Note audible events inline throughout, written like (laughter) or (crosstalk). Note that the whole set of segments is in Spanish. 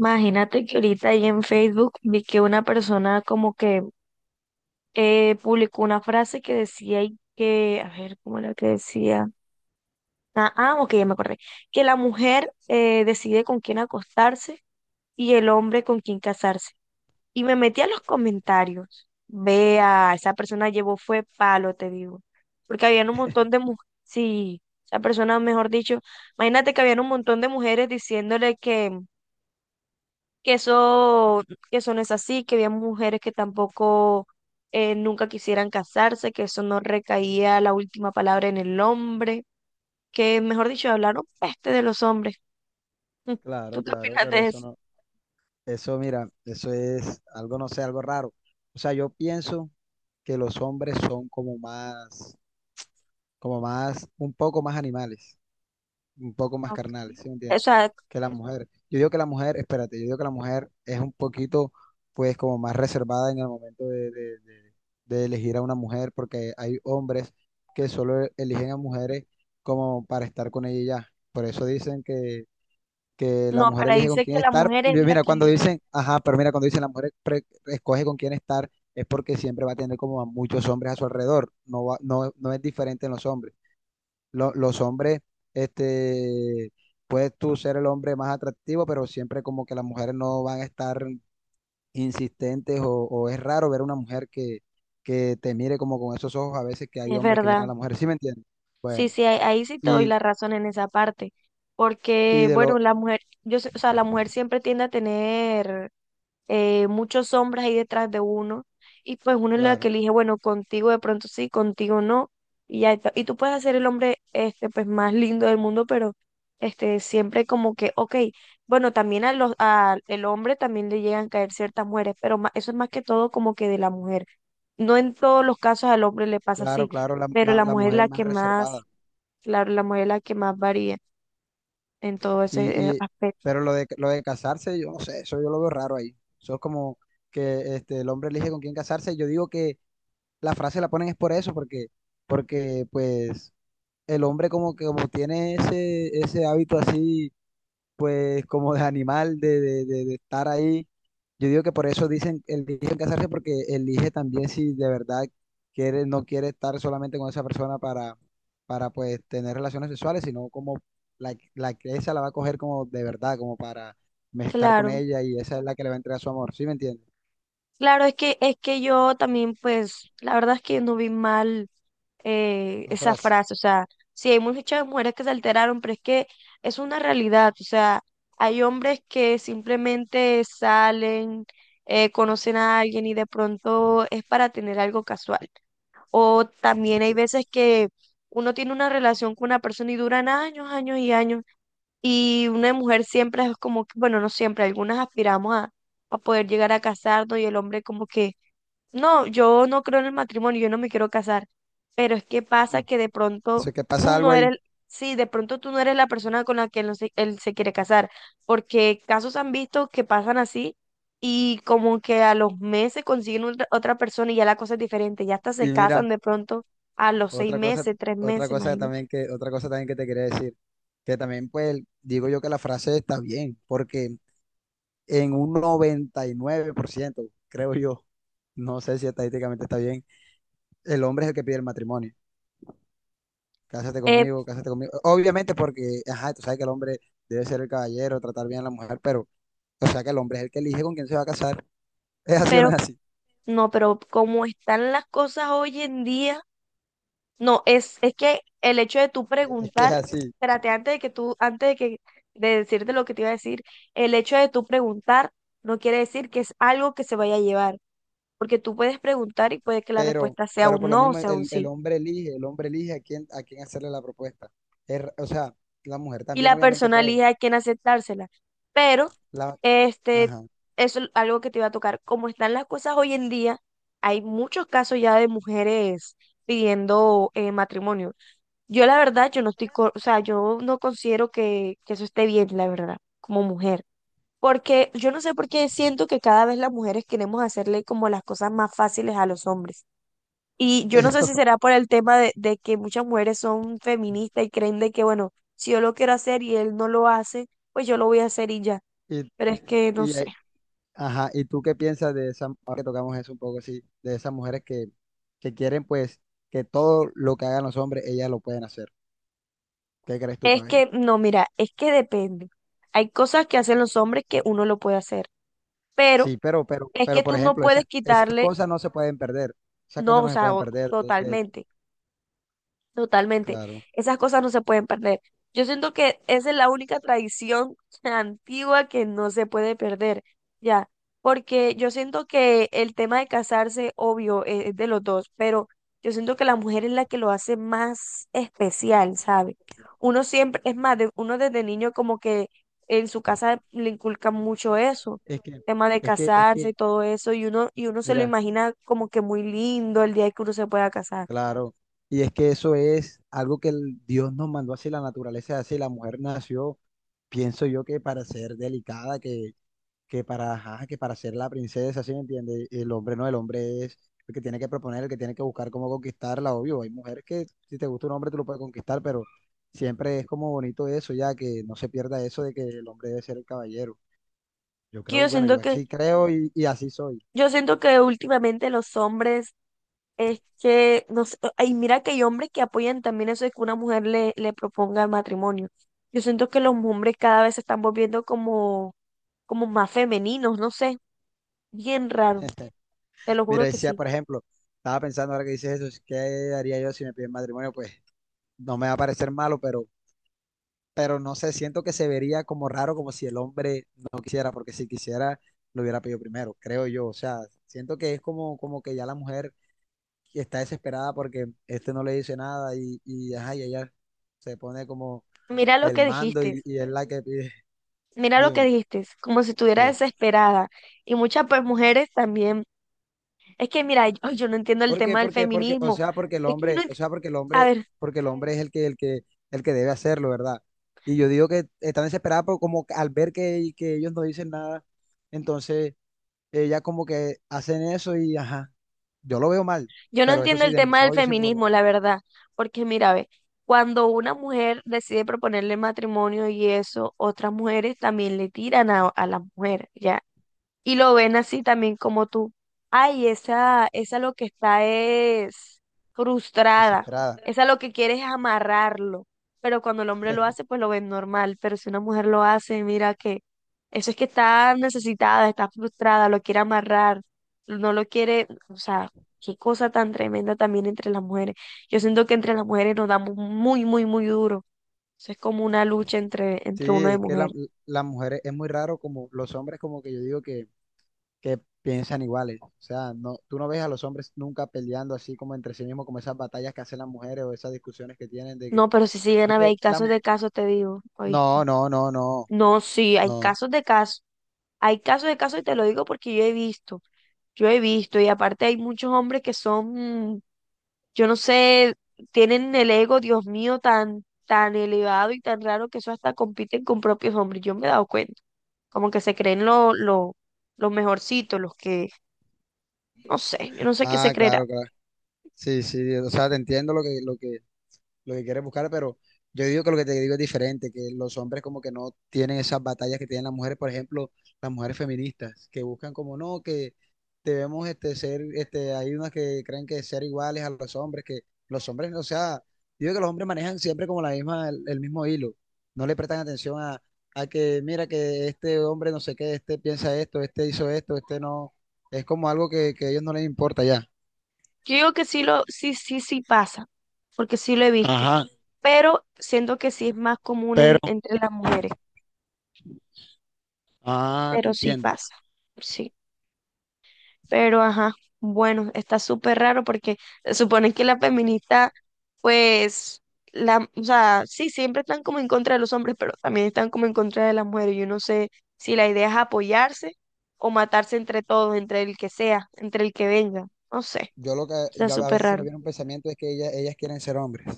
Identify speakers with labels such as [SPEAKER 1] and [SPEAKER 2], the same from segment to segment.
[SPEAKER 1] Imagínate que ahorita ahí en Facebook vi que una persona como que publicó una frase que decía y que, a ver, ¿cómo era que decía? Ok, ya me acordé. Que la mujer decide con quién acostarse y el hombre con quién casarse. Y me metí a los comentarios. Vea, esa persona llevó fue palo, te digo. Porque habían un montón de mujeres, sí, esa persona, mejor dicho, imagínate que habían un montón de mujeres diciéndole que que eso, que eso no es así, que había mujeres que tampoco nunca quisieran casarse, que eso no recaía la última palabra en el hombre, que mejor dicho, hablaron peste de los hombres. Mm, ¿tú
[SPEAKER 2] Claro,
[SPEAKER 1] qué
[SPEAKER 2] claro,
[SPEAKER 1] opinas
[SPEAKER 2] pero
[SPEAKER 1] de
[SPEAKER 2] eso
[SPEAKER 1] eso?
[SPEAKER 2] no, eso mira, eso es algo, no sé, algo raro. O sea, yo pienso que los hombres son como más, un poco más animales, un poco más
[SPEAKER 1] Ok.
[SPEAKER 2] carnales, ¿sí me
[SPEAKER 1] O
[SPEAKER 2] entiendes?
[SPEAKER 1] sea,
[SPEAKER 2] Que la mujer. Yo digo que la mujer, espérate, yo digo que la mujer es un poquito, pues, como más reservada en el momento de elegir a una mujer, porque hay hombres que solo eligen a mujeres como para estar con ella y ya. Por eso dicen que la
[SPEAKER 1] no,
[SPEAKER 2] mujer
[SPEAKER 1] pero ahí
[SPEAKER 2] elige con
[SPEAKER 1] dice que
[SPEAKER 2] quién
[SPEAKER 1] la
[SPEAKER 2] estar.
[SPEAKER 1] mujer es
[SPEAKER 2] Yo,
[SPEAKER 1] la
[SPEAKER 2] mira,
[SPEAKER 1] que
[SPEAKER 2] cuando
[SPEAKER 1] elige,
[SPEAKER 2] dicen, ajá, pero mira, cuando dicen escoge con quién estar, es porque siempre va a tener como a muchos hombres a su alrededor. No, no es diferente en los hombres. Los hombres, este, puedes tú ser el hombre más atractivo, pero siempre como que las mujeres no van a estar insistentes o es raro ver una mujer que te mire como con esos ojos a veces que hay
[SPEAKER 1] es
[SPEAKER 2] hombres que miran a
[SPEAKER 1] verdad.
[SPEAKER 2] la mujer. ¿Sí me entiendes?
[SPEAKER 1] Sí,
[SPEAKER 2] Bueno,
[SPEAKER 1] sí, ahí, ahí sí te doy
[SPEAKER 2] y,
[SPEAKER 1] la razón en esa parte.
[SPEAKER 2] y
[SPEAKER 1] Porque,
[SPEAKER 2] de
[SPEAKER 1] bueno,
[SPEAKER 2] lo,
[SPEAKER 1] la mujer, yo, sé- o sea, la mujer siempre tiende a tener muchos hombres ahí detrás de uno, y pues uno es la
[SPEAKER 2] claro,
[SPEAKER 1] que elige, bueno, contigo de pronto sí, contigo no, y ya está. Y tú puedes ser el hombre este, pues más lindo del mundo, pero este, siempre como que, ok, bueno, también a los, a el hombre también le llegan a caer ciertas mujeres, pero ma- eso es más que todo como que de la mujer. No en todos los casos al hombre le pasa
[SPEAKER 2] claro,
[SPEAKER 1] así,
[SPEAKER 2] claro, la,
[SPEAKER 1] pero
[SPEAKER 2] la
[SPEAKER 1] la
[SPEAKER 2] la
[SPEAKER 1] mujer es
[SPEAKER 2] mujer es
[SPEAKER 1] la
[SPEAKER 2] más
[SPEAKER 1] que más,
[SPEAKER 2] reservada.
[SPEAKER 1] claro, la mujer es la que más varía en todo ese
[SPEAKER 2] Y, y,
[SPEAKER 1] aspecto.
[SPEAKER 2] pero lo de casarse, yo no sé, eso yo lo veo raro ahí. Eso es como que este, el hombre elige con quién casarse. Yo digo que la frase la ponen es por eso, porque, porque pues el hombre como que como tiene ese, ese hábito así pues como de animal, de estar ahí. Yo digo que por eso dicen, eligen casarse porque elige también si de verdad quiere, no quiere estar solamente con esa persona para pues tener relaciones sexuales, sino como la que esa la va a coger como de verdad, como para estar con
[SPEAKER 1] Claro.
[SPEAKER 2] ella y esa es la que le va a entregar su amor, ¿sí me entiendes?
[SPEAKER 1] Claro, es que yo también, pues, la verdad es que no vi mal
[SPEAKER 2] La
[SPEAKER 1] esa
[SPEAKER 2] frase.
[SPEAKER 1] frase, o sea, sí, hay muchas mujeres que se alteraron, pero es que es una realidad, o sea, hay hombres que simplemente salen, conocen a alguien y de pronto es para tener algo casual. O también hay veces que uno tiene una relación con una persona y duran años, años y años, y una mujer siempre es como, que- bueno, no siempre, algunas aspiramos a poder llegar a casarnos y el hombre como que no, yo no creo en el matrimonio, yo no me quiero casar, pero es que
[SPEAKER 2] Mm.
[SPEAKER 1] pasa que de
[SPEAKER 2] Eso
[SPEAKER 1] pronto
[SPEAKER 2] es que pasa
[SPEAKER 1] tú
[SPEAKER 2] algo
[SPEAKER 1] no
[SPEAKER 2] ahí.
[SPEAKER 1] eres, sí, de pronto tú no eres la persona con la que él, no se, él se quiere casar, porque casos han visto que pasan así y como que a los meses consiguen otra, otra persona y ya la cosa es diferente, ya hasta se
[SPEAKER 2] Y mira,
[SPEAKER 1] casan de pronto a los 6
[SPEAKER 2] otra cosa,
[SPEAKER 1] meses, 3
[SPEAKER 2] otra
[SPEAKER 1] meses,
[SPEAKER 2] cosa
[SPEAKER 1] imagínate.
[SPEAKER 2] también que, otra cosa también que te quería decir, que también pues digo yo que la frase está bien, porque en un 99% creo yo. No sé si estadísticamente está bien. El hombre es el que pide el matrimonio. Cásate
[SPEAKER 1] Eh,
[SPEAKER 2] conmigo, cásate conmigo. Obviamente porque, ajá, tú sabes que el hombre debe ser el caballero, tratar bien a la mujer, pero, o sea que el hombre es el que elige con quién se va a casar. (laughs) Es así o no
[SPEAKER 1] pero
[SPEAKER 2] es así.
[SPEAKER 1] no, pero como están las cosas hoy en día. No, es que el hecho de tú
[SPEAKER 2] Es que es
[SPEAKER 1] preguntar,
[SPEAKER 2] así.
[SPEAKER 1] espérate, antes de que tú, antes de que de decirte lo que te iba a decir, el hecho de tú preguntar no quiere decir que es algo que se vaya a llevar, porque tú puedes preguntar y puede que la respuesta sea
[SPEAKER 2] Pero
[SPEAKER 1] un
[SPEAKER 2] por lo
[SPEAKER 1] no o
[SPEAKER 2] mismo,
[SPEAKER 1] sea un sí.
[SPEAKER 2] el hombre elige a quién hacerle la propuesta. O sea, la mujer
[SPEAKER 1] Y
[SPEAKER 2] también
[SPEAKER 1] la
[SPEAKER 2] obviamente
[SPEAKER 1] persona
[SPEAKER 2] puede.
[SPEAKER 1] elige a quién aceptársela. Pero,
[SPEAKER 2] La,
[SPEAKER 1] este,
[SPEAKER 2] ajá.
[SPEAKER 1] eso es algo que te iba a tocar. Como están las cosas hoy en día, hay muchos casos ya de mujeres pidiendo matrimonio. Yo la verdad, yo no estoy, co- o sea, yo no considero que eso esté bien, la verdad, como mujer. Porque yo no sé por qué siento que cada vez las mujeres queremos hacerle como las cosas más fáciles a los hombres. Y
[SPEAKER 2] (laughs)
[SPEAKER 1] yo no sé si
[SPEAKER 2] Pero,
[SPEAKER 1] será por el tema de que muchas mujeres son feministas y creen de que, bueno, si yo lo quiero hacer y él no lo hace, pues yo lo voy a hacer y ya.
[SPEAKER 2] y,
[SPEAKER 1] Pero es que no
[SPEAKER 2] y,
[SPEAKER 1] sé.
[SPEAKER 2] ajá, ¿y tú qué piensas de esa, ahora que tocamos eso un poco así, de esas mujeres que quieren pues que todo lo que hagan los hombres, ellas lo pueden hacer? ¿Qué crees tú,
[SPEAKER 1] Es
[SPEAKER 2] Pae?
[SPEAKER 1] que, no, mira, es que depende. Hay cosas que hacen los hombres que uno lo puede hacer, pero
[SPEAKER 2] Sí,
[SPEAKER 1] es que
[SPEAKER 2] pero por
[SPEAKER 1] tú no
[SPEAKER 2] ejemplo, esas,
[SPEAKER 1] puedes
[SPEAKER 2] esas
[SPEAKER 1] quitarle.
[SPEAKER 2] cosas no se pueden perder, esas
[SPEAKER 1] No,
[SPEAKER 2] cosas
[SPEAKER 1] o
[SPEAKER 2] no se
[SPEAKER 1] sea,
[SPEAKER 2] pueden
[SPEAKER 1] o-
[SPEAKER 2] perder,
[SPEAKER 1] totalmente. Totalmente.
[SPEAKER 2] claro.
[SPEAKER 1] Esas cosas no se pueden perder. Yo siento que esa es la única tradición (laughs) antigua que no se puede perder, ya, porque yo siento que el tema de casarse, obvio, es de los dos, pero yo siento que la mujer es la que lo hace más especial, ¿sabe? Uno siempre, es más, de- uno desde niño como que en su casa le inculcan mucho eso,
[SPEAKER 2] Es que,
[SPEAKER 1] tema de
[SPEAKER 2] es
[SPEAKER 1] casarse y
[SPEAKER 2] que,
[SPEAKER 1] todo eso, y uno se lo
[SPEAKER 2] mira,
[SPEAKER 1] imagina como que muy lindo el día que uno se pueda casar
[SPEAKER 2] claro, y es que eso es algo que el Dios nos mandó así, la naturaleza es así, la mujer nació, pienso yo que para ser delicada, que para, ajá, que para ser la princesa, ¿sí me entiendes? El hombre no, el hombre es el que tiene que proponer, el que tiene que buscar cómo conquistarla, obvio. Hay mujeres que si te gusta un hombre tú lo puedes conquistar, pero siempre es como bonito eso, ya que no se pierda eso de que el hombre debe ser el caballero. Yo
[SPEAKER 1] que
[SPEAKER 2] creo,
[SPEAKER 1] yo
[SPEAKER 2] bueno, yo
[SPEAKER 1] siento que.
[SPEAKER 2] así creo y así soy.
[SPEAKER 1] Yo siento que últimamente los hombres es que, no sé, y mira que hay hombres que apoyan también eso de que una mujer le, le proponga el matrimonio. Yo siento que los hombres cada vez se están volviendo como, como más femeninos, no sé, bien raro, te lo
[SPEAKER 2] Mira,
[SPEAKER 1] juro que
[SPEAKER 2] decía,
[SPEAKER 1] sí.
[SPEAKER 2] por ejemplo, estaba pensando ahora que dices eso, ¿qué haría yo si me piden matrimonio? Pues no me va a parecer malo, pero no sé, siento que se vería como raro, como si el hombre no quisiera, porque si quisiera, lo hubiera pedido primero, creo yo. O sea, siento que es como, como que ya la mujer está desesperada porque este no le dice nada ajá, y ella se pone como
[SPEAKER 1] Mira lo
[SPEAKER 2] el
[SPEAKER 1] que
[SPEAKER 2] mando
[SPEAKER 1] dijiste,
[SPEAKER 2] y es la que pide. (laughs)
[SPEAKER 1] mira lo que
[SPEAKER 2] Dime,
[SPEAKER 1] dijiste, como si estuviera
[SPEAKER 2] ¿qué?
[SPEAKER 1] desesperada. Y muchas pues mujeres también. Es que mira, yo, ay, yo no entiendo el
[SPEAKER 2] ¿Por qué?
[SPEAKER 1] tema del
[SPEAKER 2] Porque, porque, o
[SPEAKER 1] feminismo.
[SPEAKER 2] sea, porque el
[SPEAKER 1] Es que yo
[SPEAKER 2] hombre,
[SPEAKER 1] no,
[SPEAKER 2] o
[SPEAKER 1] ent-
[SPEAKER 2] sea,
[SPEAKER 1] a ver.
[SPEAKER 2] porque el hombre es el que, el que, el que debe hacerlo, ¿verdad? Y yo digo que están desesperados por como que al ver que ellos no dicen nada, entonces ella como que hacen eso y ajá, yo lo veo mal,
[SPEAKER 1] Yo no
[SPEAKER 2] pero eso
[SPEAKER 1] entiendo
[SPEAKER 2] sí,
[SPEAKER 1] el
[SPEAKER 2] de mis
[SPEAKER 1] tema del
[SPEAKER 2] ojos yo siempre lo veo
[SPEAKER 1] feminismo,
[SPEAKER 2] mal,
[SPEAKER 1] la verdad, porque mira, ve, cuando una mujer decide proponerle matrimonio y eso, otras mujeres también le tiran a la mujer, ¿ya? Y lo ven así también como tú. Ay, esa lo que está es frustrada,
[SPEAKER 2] desesperada.
[SPEAKER 1] esa lo que quiere es amarrarlo, pero cuando el hombre lo hace, pues lo ven normal, pero si una mujer lo hace, mira que eso es que está necesitada, está frustrada, lo quiere amarrar, no lo quiere, o sea, qué cosa tan tremenda también entre las mujeres. Yo siento que entre las mujeres nos damos muy, muy, muy duro. Eso es como una lucha entre,
[SPEAKER 2] Sí,
[SPEAKER 1] entre uno de
[SPEAKER 2] es que
[SPEAKER 1] mujer.
[SPEAKER 2] la, las mujeres es muy raro como los hombres como que yo digo que piensan iguales, o sea, no, tú no ves a los hombres nunca peleando así como entre sí mismos, como esas batallas que hacen las mujeres o esas discusiones que tienen de que,
[SPEAKER 1] No, pero si siguen
[SPEAKER 2] de
[SPEAKER 1] a ver,
[SPEAKER 2] que
[SPEAKER 1] hay
[SPEAKER 2] la mu-
[SPEAKER 1] casos de casos, te digo, ¿oíste?
[SPEAKER 2] no, no, no, no,
[SPEAKER 1] No, sí, hay
[SPEAKER 2] no.
[SPEAKER 1] casos de casos, hay casos de casos y te lo digo porque yo he visto y aparte hay muchos hombres que son, yo no sé, tienen el ego, Dios mío, tan, tan elevado y tan raro que eso hasta compiten con propios hombres, yo me he dado cuenta, como que se creen lo, los mejorcitos, los que, no sé, yo no sé qué se
[SPEAKER 2] Ah,
[SPEAKER 1] creerá.
[SPEAKER 2] claro, claro. Sí, sí, o sea, te entiendo lo que, lo que, lo que quieres buscar, pero yo digo que lo que te digo es diferente, que los hombres como que no tienen esas batallas que tienen las mujeres, por ejemplo, las mujeres feministas, que buscan como no, que debemos este, ser, este, hay unas que creen que ser iguales a los hombres, que los hombres, o sea, digo que los hombres manejan siempre como la misma, el mismo hilo, no le prestan atención a que, mira, que este hombre no sé qué, este piensa esto, este hizo esto, este no, es como algo que a ellos no les importa ya.
[SPEAKER 1] Yo digo que sí lo, sí, sí, sí pasa, porque sí lo he visto.
[SPEAKER 2] Ajá,
[SPEAKER 1] Pero siento que sí es más común
[SPEAKER 2] pero
[SPEAKER 1] en- entre las mujeres,
[SPEAKER 2] ah, te
[SPEAKER 1] pero sí
[SPEAKER 2] entiendo.
[SPEAKER 1] pasa, sí. Pero ajá, bueno, está súper raro porque se supone que la feminista, pues, la, o sea, sí, siempre están como en contra de los hombres, pero también están como en contra de las mujeres. Yo no sé si la idea es apoyarse o matarse entre todos, entre el que sea, entre el que venga, no sé,
[SPEAKER 2] Yo lo que,
[SPEAKER 1] está
[SPEAKER 2] yo a
[SPEAKER 1] súper
[SPEAKER 2] veces se me
[SPEAKER 1] raro.
[SPEAKER 2] viene un pensamiento es que ellas quieren ser hombres.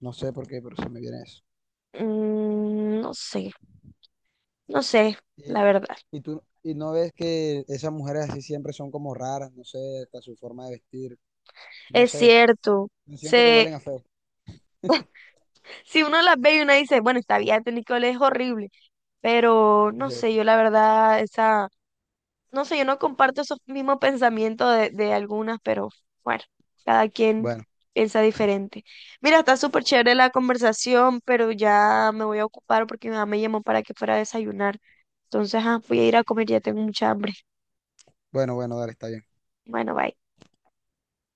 [SPEAKER 2] No sé por qué, pero se me viene eso.
[SPEAKER 1] Mm, no sé, no sé, la
[SPEAKER 2] Y,
[SPEAKER 1] verdad.
[SPEAKER 2] y tú, y no ves que esas mujeres así siempre son como raras, no sé, hasta su forma de vestir, no
[SPEAKER 1] Es
[SPEAKER 2] sé.
[SPEAKER 1] cierto,
[SPEAKER 2] Yo siento que
[SPEAKER 1] se...
[SPEAKER 2] huelen a feo.
[SPEAKER 1] Si uno las ve y uno dice, bueno, esta vida de Nicole es horrible, pero no sé, yo
[SPEAKER 2] (laughs)
[SPEAKER 1] la verdad, esa, no sé, yo no comparto esos mismos pensamientos de algunas, pero bueno, cada quien
[SPEAKER 2] Bueno,
[SPEAKER 1] piensa diferente. Mira, está súper chévere la conversación, pero ya me voy a ocupar porque mi mamá me llamó para que fuera a desayunar. Entonces, ah, voy a ir a comer, ya tengo mucha hambre.
[SPEAKER 2] bueno, dale, está bien.
[SPEAKER 1] Bueno, bye.